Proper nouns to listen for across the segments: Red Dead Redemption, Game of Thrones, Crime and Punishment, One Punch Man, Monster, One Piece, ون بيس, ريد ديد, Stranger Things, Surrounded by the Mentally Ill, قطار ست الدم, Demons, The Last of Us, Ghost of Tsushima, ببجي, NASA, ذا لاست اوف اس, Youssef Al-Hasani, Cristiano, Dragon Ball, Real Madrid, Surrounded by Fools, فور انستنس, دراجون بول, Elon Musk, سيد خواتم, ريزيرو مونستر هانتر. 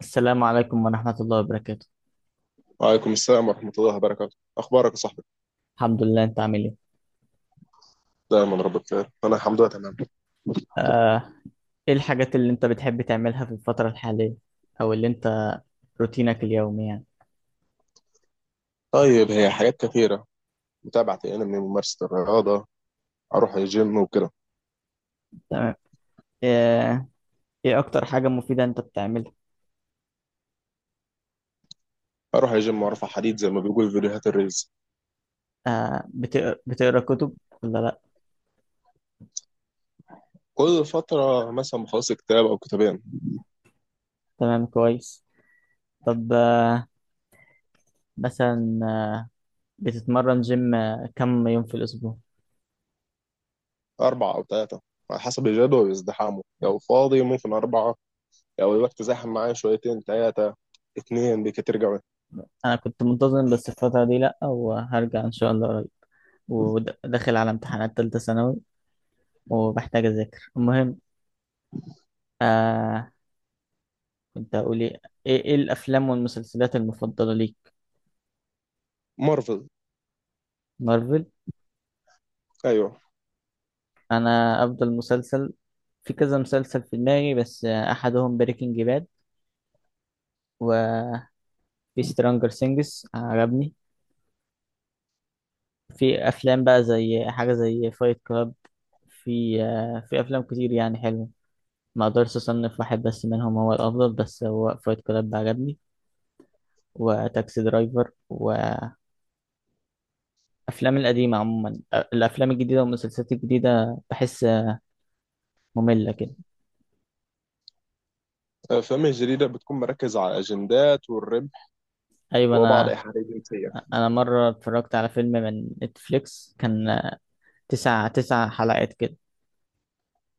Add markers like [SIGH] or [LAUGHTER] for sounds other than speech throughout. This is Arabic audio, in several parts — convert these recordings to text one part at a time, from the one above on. السلام عليكم ورحمة الله وبركاته. وعليكم السلام ورحمة الله وبركاته، أخبارك يا صاحبي؟ الحمد لله. انت عامل ايه؟ دايما رب بخير، أنا الحمد لله تمام. آه، ايه الحاجات اللي انت بتحب تعملها في الفترة الحالية، او اللي انت روتينك اليومي يعني. طيب هي حاجات كثيرة: متابعة أنمي، ممارسة الرياضة، أروح الجيم وكده. تمام. آه، ايه اكتر حاجة مفيدة انت بتعملها؟ أروح الجيم وأرفع حديد زي ما بيقول في فيديوهات الريلز. بتقرا كتب ولا لا؟ كل فترة مثلا بخلص كتاب أو كتابين. تمام كويس. طب مثلا بتتمرن جيم كم يوم في الاسبوع؟ أربعة أو ثلاثة على حسب الجدول وازدحامه، لو فاضي ممكن أربعة، لو الوقت زاحم معايا شويتين ثلاثة، اتنين بكتير جوي. انا كنت منتظم بس الفترة دي لا، وهرجع ان شاء الله قريب، وداخل على امتحانات تالتة ثانوي وبحتاج اذاكر. المهم آه، كنت هقول ايه. إيه الافلام والمسلسلات المفضله ليك؟ مارفل. مارفل. أيوه. انا افضل مسلسل، في كذا مسلسل في دماغي بس احدهم بريكنج باد. وفي سترونجر سينجز عجبني. في افلام بقى زي حاجه زي فايت كلاب. في في افلام كتير يعني حلوه. ما اقدرش اصنف واحد بس منهم هو الافضل، بس هو فايت كلاب عجبني وتاكسي درايفر وافلام القديمه عموما. الافلام الجديده والمسلسلات الجديده بحس ممله كده. الأفلام الجديدة بتكون مركزة على الأجندات والربح ايوه وبعض انا، إيحاءات الجنسية. انا مره اتفرجت على فيلم من نتفليكس، كان تسع حلقات كده،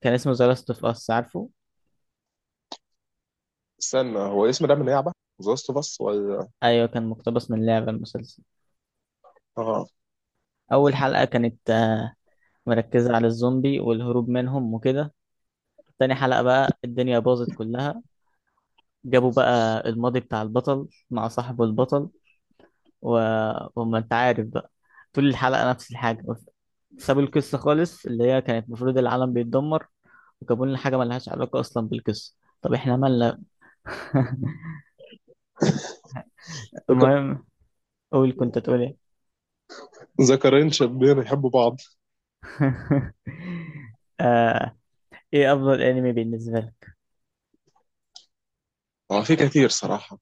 كان اسمه ذا لاست اوف اس، عارفه؟ استنى، هو اسم ده من لعبة ذا لاست اوف اس ولا؟ ايوه كان مقتبس من لعبه المسلسل. اه. اول حلقه كانت مركزه على الزومبي والهروب منهم وكده. تاني حلقه بقى الدنيا باظت كلها، جابوا بقى الماضي بتاع البطل مع صاحبه البطل و... وما انت عارف بقى. طول الحلقه نفس الحاجه، سابوا القصه خالص اللي هي كانت المفروض العالم بيتدمر، وجابوا لنا حاجه ملهاش علاقه اصلا بالقصه. طب احنا مالنا؟ [LAUGHS] ذك- المهم. قول كنت تقول ايه. ذكرين شابين يحبوا بعض. [LAUGHS] آه، ايه افضل انمي بالنسبه لك؟ هو في كتير صراحة،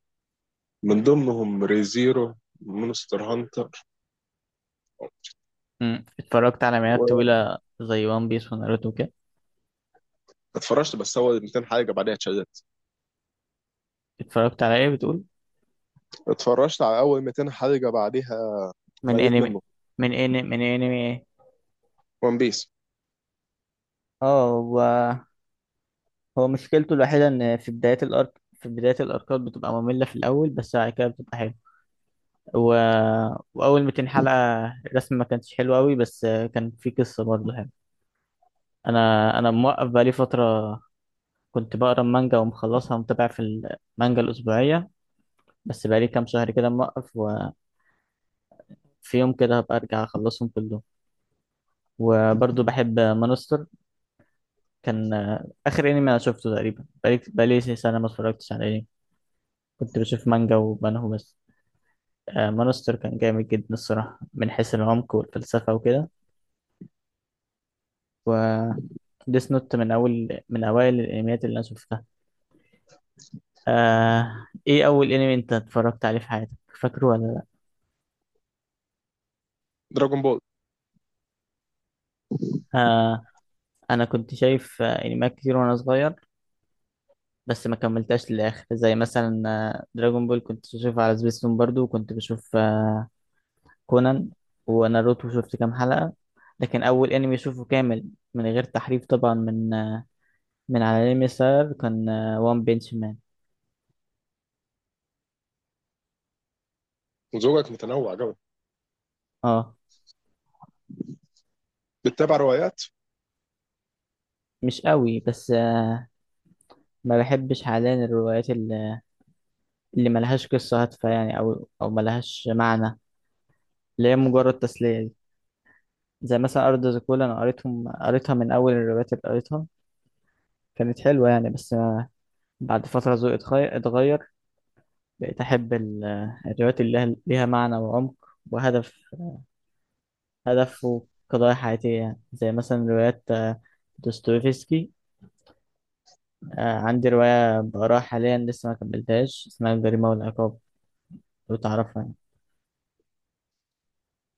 من ضمنهم ريزيرو، مونستر هانتر. مم. اتفرجت على مئات طويله زي وان بيس وناروتو كده. واتفرجت بس اول 200 حلقة بعدها اتشددت. اتفرجت على ايه بتقول؟ اتفرجت على اول 200 حلقة بعدها من مليت انمي منه. من انمي ايه؟ ون بيس. اه هو، هو مشكلته الوحيده ان في بدايه الارك، في بدايه الاركات بتبقى ممله في الاول بس بعد كده بتبقى حلوه. و... واول 200 حلقه الرسم ما كانتش حلو قوي بس كان في قصه برضه حلوه. انا انا موقف بقالي فتره، كنت بقرا المانجا ومخلصها ومتابع في المانجا الأسبوعية، بس بقالي كام شهر كده موقف، وفي يوم كده هبقى أرجع أخلصهم كلهم. وبرضه بحب مانستر، كان آخر أنمي أنا شفته تقريبا، بقالي سنة ما اتفرجتش على أنمي، كنت بشوف مانجا وبنهو بس. مانستر كان جامد جدا الصراحة من حيث العمق والفلسفة وكده. و ديس نوت من أول، من أوائل الأنميات اللي أنا شفتها. إيه أول أنمي أنت اتفرجت عليه في حياتك، فاكره ولا لأ؟ دراجون بول. آه... انا كنت شايف انميات كتير وانا صغير، بس ما كملتهاش للاخر، زي مثلا دراجون بول كنت بشوفها على سبيستون برضو، وكنت بشوف كونان وناروتو شفت كام حلقة. لكن اول انمي اشوفه كامل من غير تحريف طبعا من من على انمي ساير، كان وان بنش مان. ذوقك متنوع قوي، اه. بتتابع روايات؟ مش قوي بس ما بحبش حاليا الروايات اللي، اللي ملهاش قصة هادفة يعني او ملهاش معنى، اللي هي مجرد تسلية دي. زي مثلا أرض زيكولا أنا قريتهم، قريتها من أول الروايات اللي قريتها، كانت حلوة يعني، بس أنا بعد فترة ذوقي اتغير، بقيت أحب الروايات اللي لها، معنى وعمق وهدف، وقضايا حياتية يعني، زي مثلا روايات دوستويفسكي. عندي رواية بقراها حاليا لسه ما كملتهاش، اسمها الجريمة والعقاب، لو تعرفها يعني.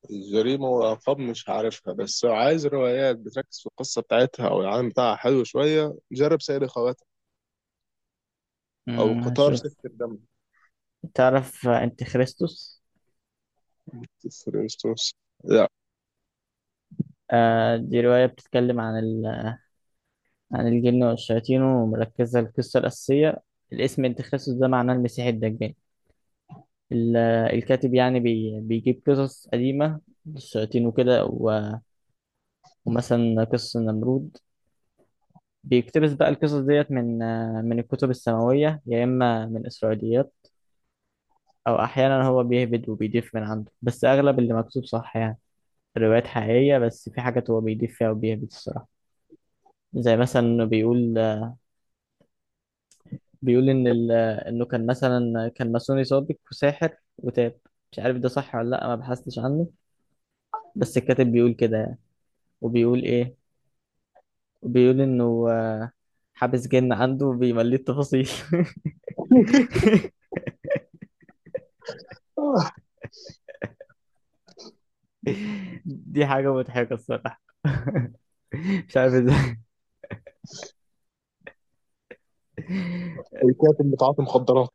الجريمة والألقاب مش عارفها، بس لو عايز روايات بتركز في القصة بتاعتها أو العالم بتاعها حلو شوية جرب سيد خواتم، أو قطار ست هشوف. الدم. تعرف أنت خريستوس؟ فور انستنس. لا. دي رواية بتتكلم عن عن الجن والشياطين، ومركزة القصة الأساسية، الاسم أنت خريستوس ده معناه المسيح الدجال. ال- الكاتب يعني بيجيب قصص قديمة للشياطين وكده ومثلا قصة النمرود. بيقتبس بقى القصص ديت من الكتب السماوية يا إما من إسرائيليات، أو أحيانا هو بيهبد وبيضيف من عنده، بس أغلب اللي مكتوب صح يعني. الروايات حقيقية بس في حاجات هو بيضيف فيها وبيهبد الصراحة. زي مثلا إنه بيقول، إن إنه كان مثلا كان ماسوني سابق وساحر وتاب، مش عارف ده صح ولا لأ، ما بحثتش عنه، بس الكاتب بيقول كده يعني. وبيقول إيه، بيقول انه حابس جن عنده بيمليه التفاصيل. [LAUGHS] آه، دي حاجة مضحكة الصراحة. [LAUGHS] مش عارف ازاي. الكاتب بتاع المخدرات.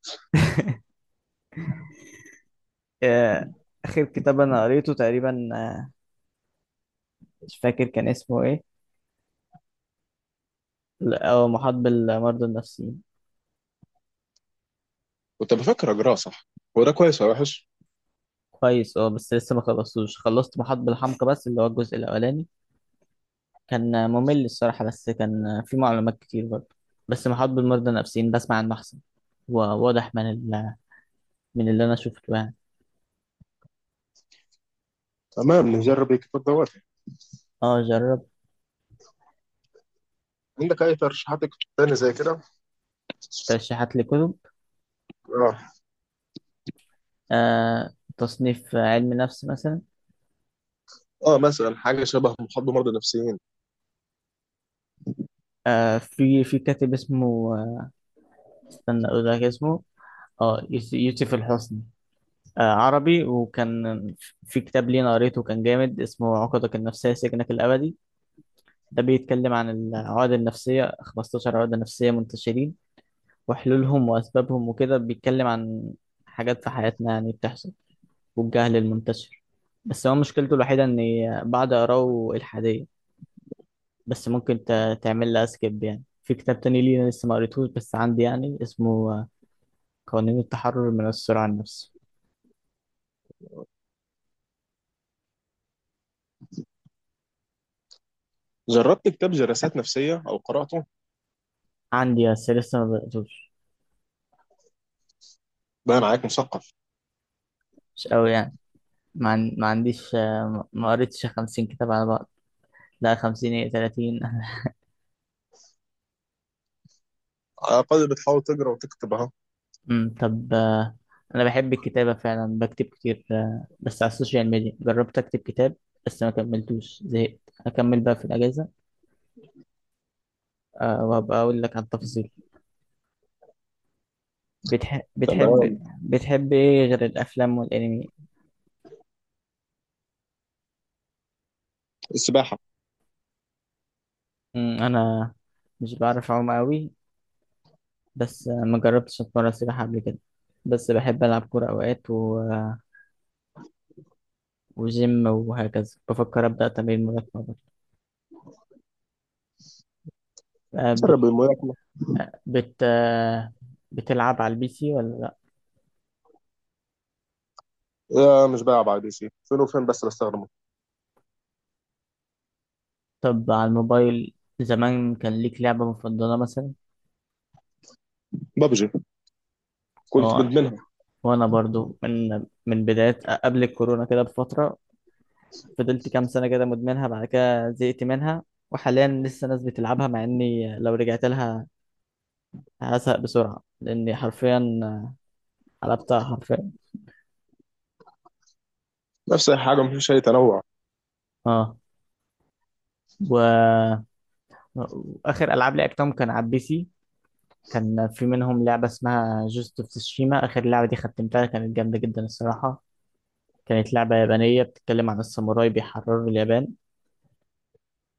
آه، آخر كتاب أنا قريته تقريبا، مش فاكر كان اسمه ايه، لا، هو محاط بالمرضى النفسيين. كنت بفكر اجراه صح. هو ده كويس ولا وحش؟ كويس اه، بس لسه ما خلصتوش، خلصت محاط بالحمقى بس اللي هو الجزء الأولاني. كان ممل الصراحة، بس كان فيه معلومات كتير برضه. بس محاط بالمرضى النفسيين بسمع عنه أحسن، وواضح من من اللي أنا شفته يعني. تمام، نجرب الكتاب دوت. اه جربت. عندك اي ترشيحات كتب تاني زي كده؟ ترشيحات لكتب؟ اه. آه تصنيف علم نفس مثلا. اه مثلا حاجه شبه محاضره مرضى نفسيين. في كاتب اسمه استنى اقول لك اسمه. اه يوسف الحسني، آه عربي. وكان في كتاب ليه أنا قريته كان جامد، اسمه عقدك النفسية سجنك الأبدي، ده بيتكلم عن العقد النفسية 15 عقدة نفسية منتشرين، وحلولهم وأسبابهم وكده. بيتكلم عن حاجات في حياتنا يعني بتحصل، والجهل المنتشر. بس هو مشكلته الوحيدة إن بعد أقراه إلحادية، بس ممكن تعمل لها سكيب. يعني في كتاب تاني لينا لسه ما قريتهوش بس عندي، يعني اسمه قوانين التحرر من السرعة عن النفس. جربت كتاب جلسات نفسيه او قراته؟ عندي بس لسه ما بدأتوش. بقى معاك مثقف. مش قوي يعني، ما عنديش ما قريتش 50 كتاب على بعض. لا 50 ايه، 30. [LAUGHS] على الاقل بتحاول تقرا وتكتب اهو. طب انا بحب الكتابة فعلا، بكتب كتير بس على السوشيال ميديا. جربت اكتب كتاب بس ما كملتوش، زهقت، هكمل بقى في الأجازة وهبقى أقول لك عن التفاصيل. بتح... بتحب تمام. بتحب ايه غير الافلام والانمي؟ السباحه. انا مش بعرف اعوم قوي، بس ما جربتش اتمرن سباحه قبل كده، بس بحب العب كوره اوقات وجيم وهكذا. بفكر ابدا تمرين ملاكمه برضه. آه، بت... جرب الملاكمه. آه، بت... آه، بتلعب على البي سي ولا لا؟ آه مش بقى، بعد شيء فين وفين، بس بستخدمه. طب على الموبايل زمان كان ليك لعبه مفضله مثلا؟ ببجي، كنت اه، مدمنها. وانا برضو من بدايه قبل الكورونا كده بفتره، فضلت كام سنه كده مدمنها، بعد كده زهقت منها. وحاليا لسه ناس بتلعبها، مع اني لو رجعت لها هزهق بسرعة، لأني حرفيا قلبتها حرفيا. نفس الحاجه، مفيش اي تنوع. اه و... وآخر ألعاب لعبتهم كان على البي سي. كان في منهم لعبة اسمها جوست اوف تسوشيما، آخر لعبة دي ختمتها، كانت جامدة جدا الصراحة. كانت لعبة يابانية بتتكلم عن الساموراي بيحرروا اليابان.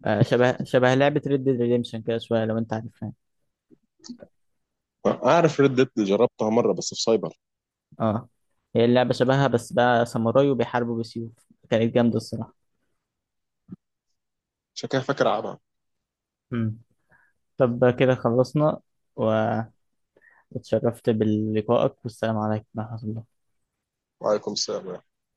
آه شبه لعبة ريد ديد ريديمشن كده شوية، لو أنت عارفها. اعرف ريد ديد، جربتها مره بس في سايبر. اه هي اللعبة شبهها بس بقى ساموراي وبيحاربوا بسيوف، كانت جامدة الصراحة. عشان كده فاكر العبها. مم. طب كده خلصنا و... واتشرفت بلقائك والسلام عليكم ورحمة الله. وعليكم السلام.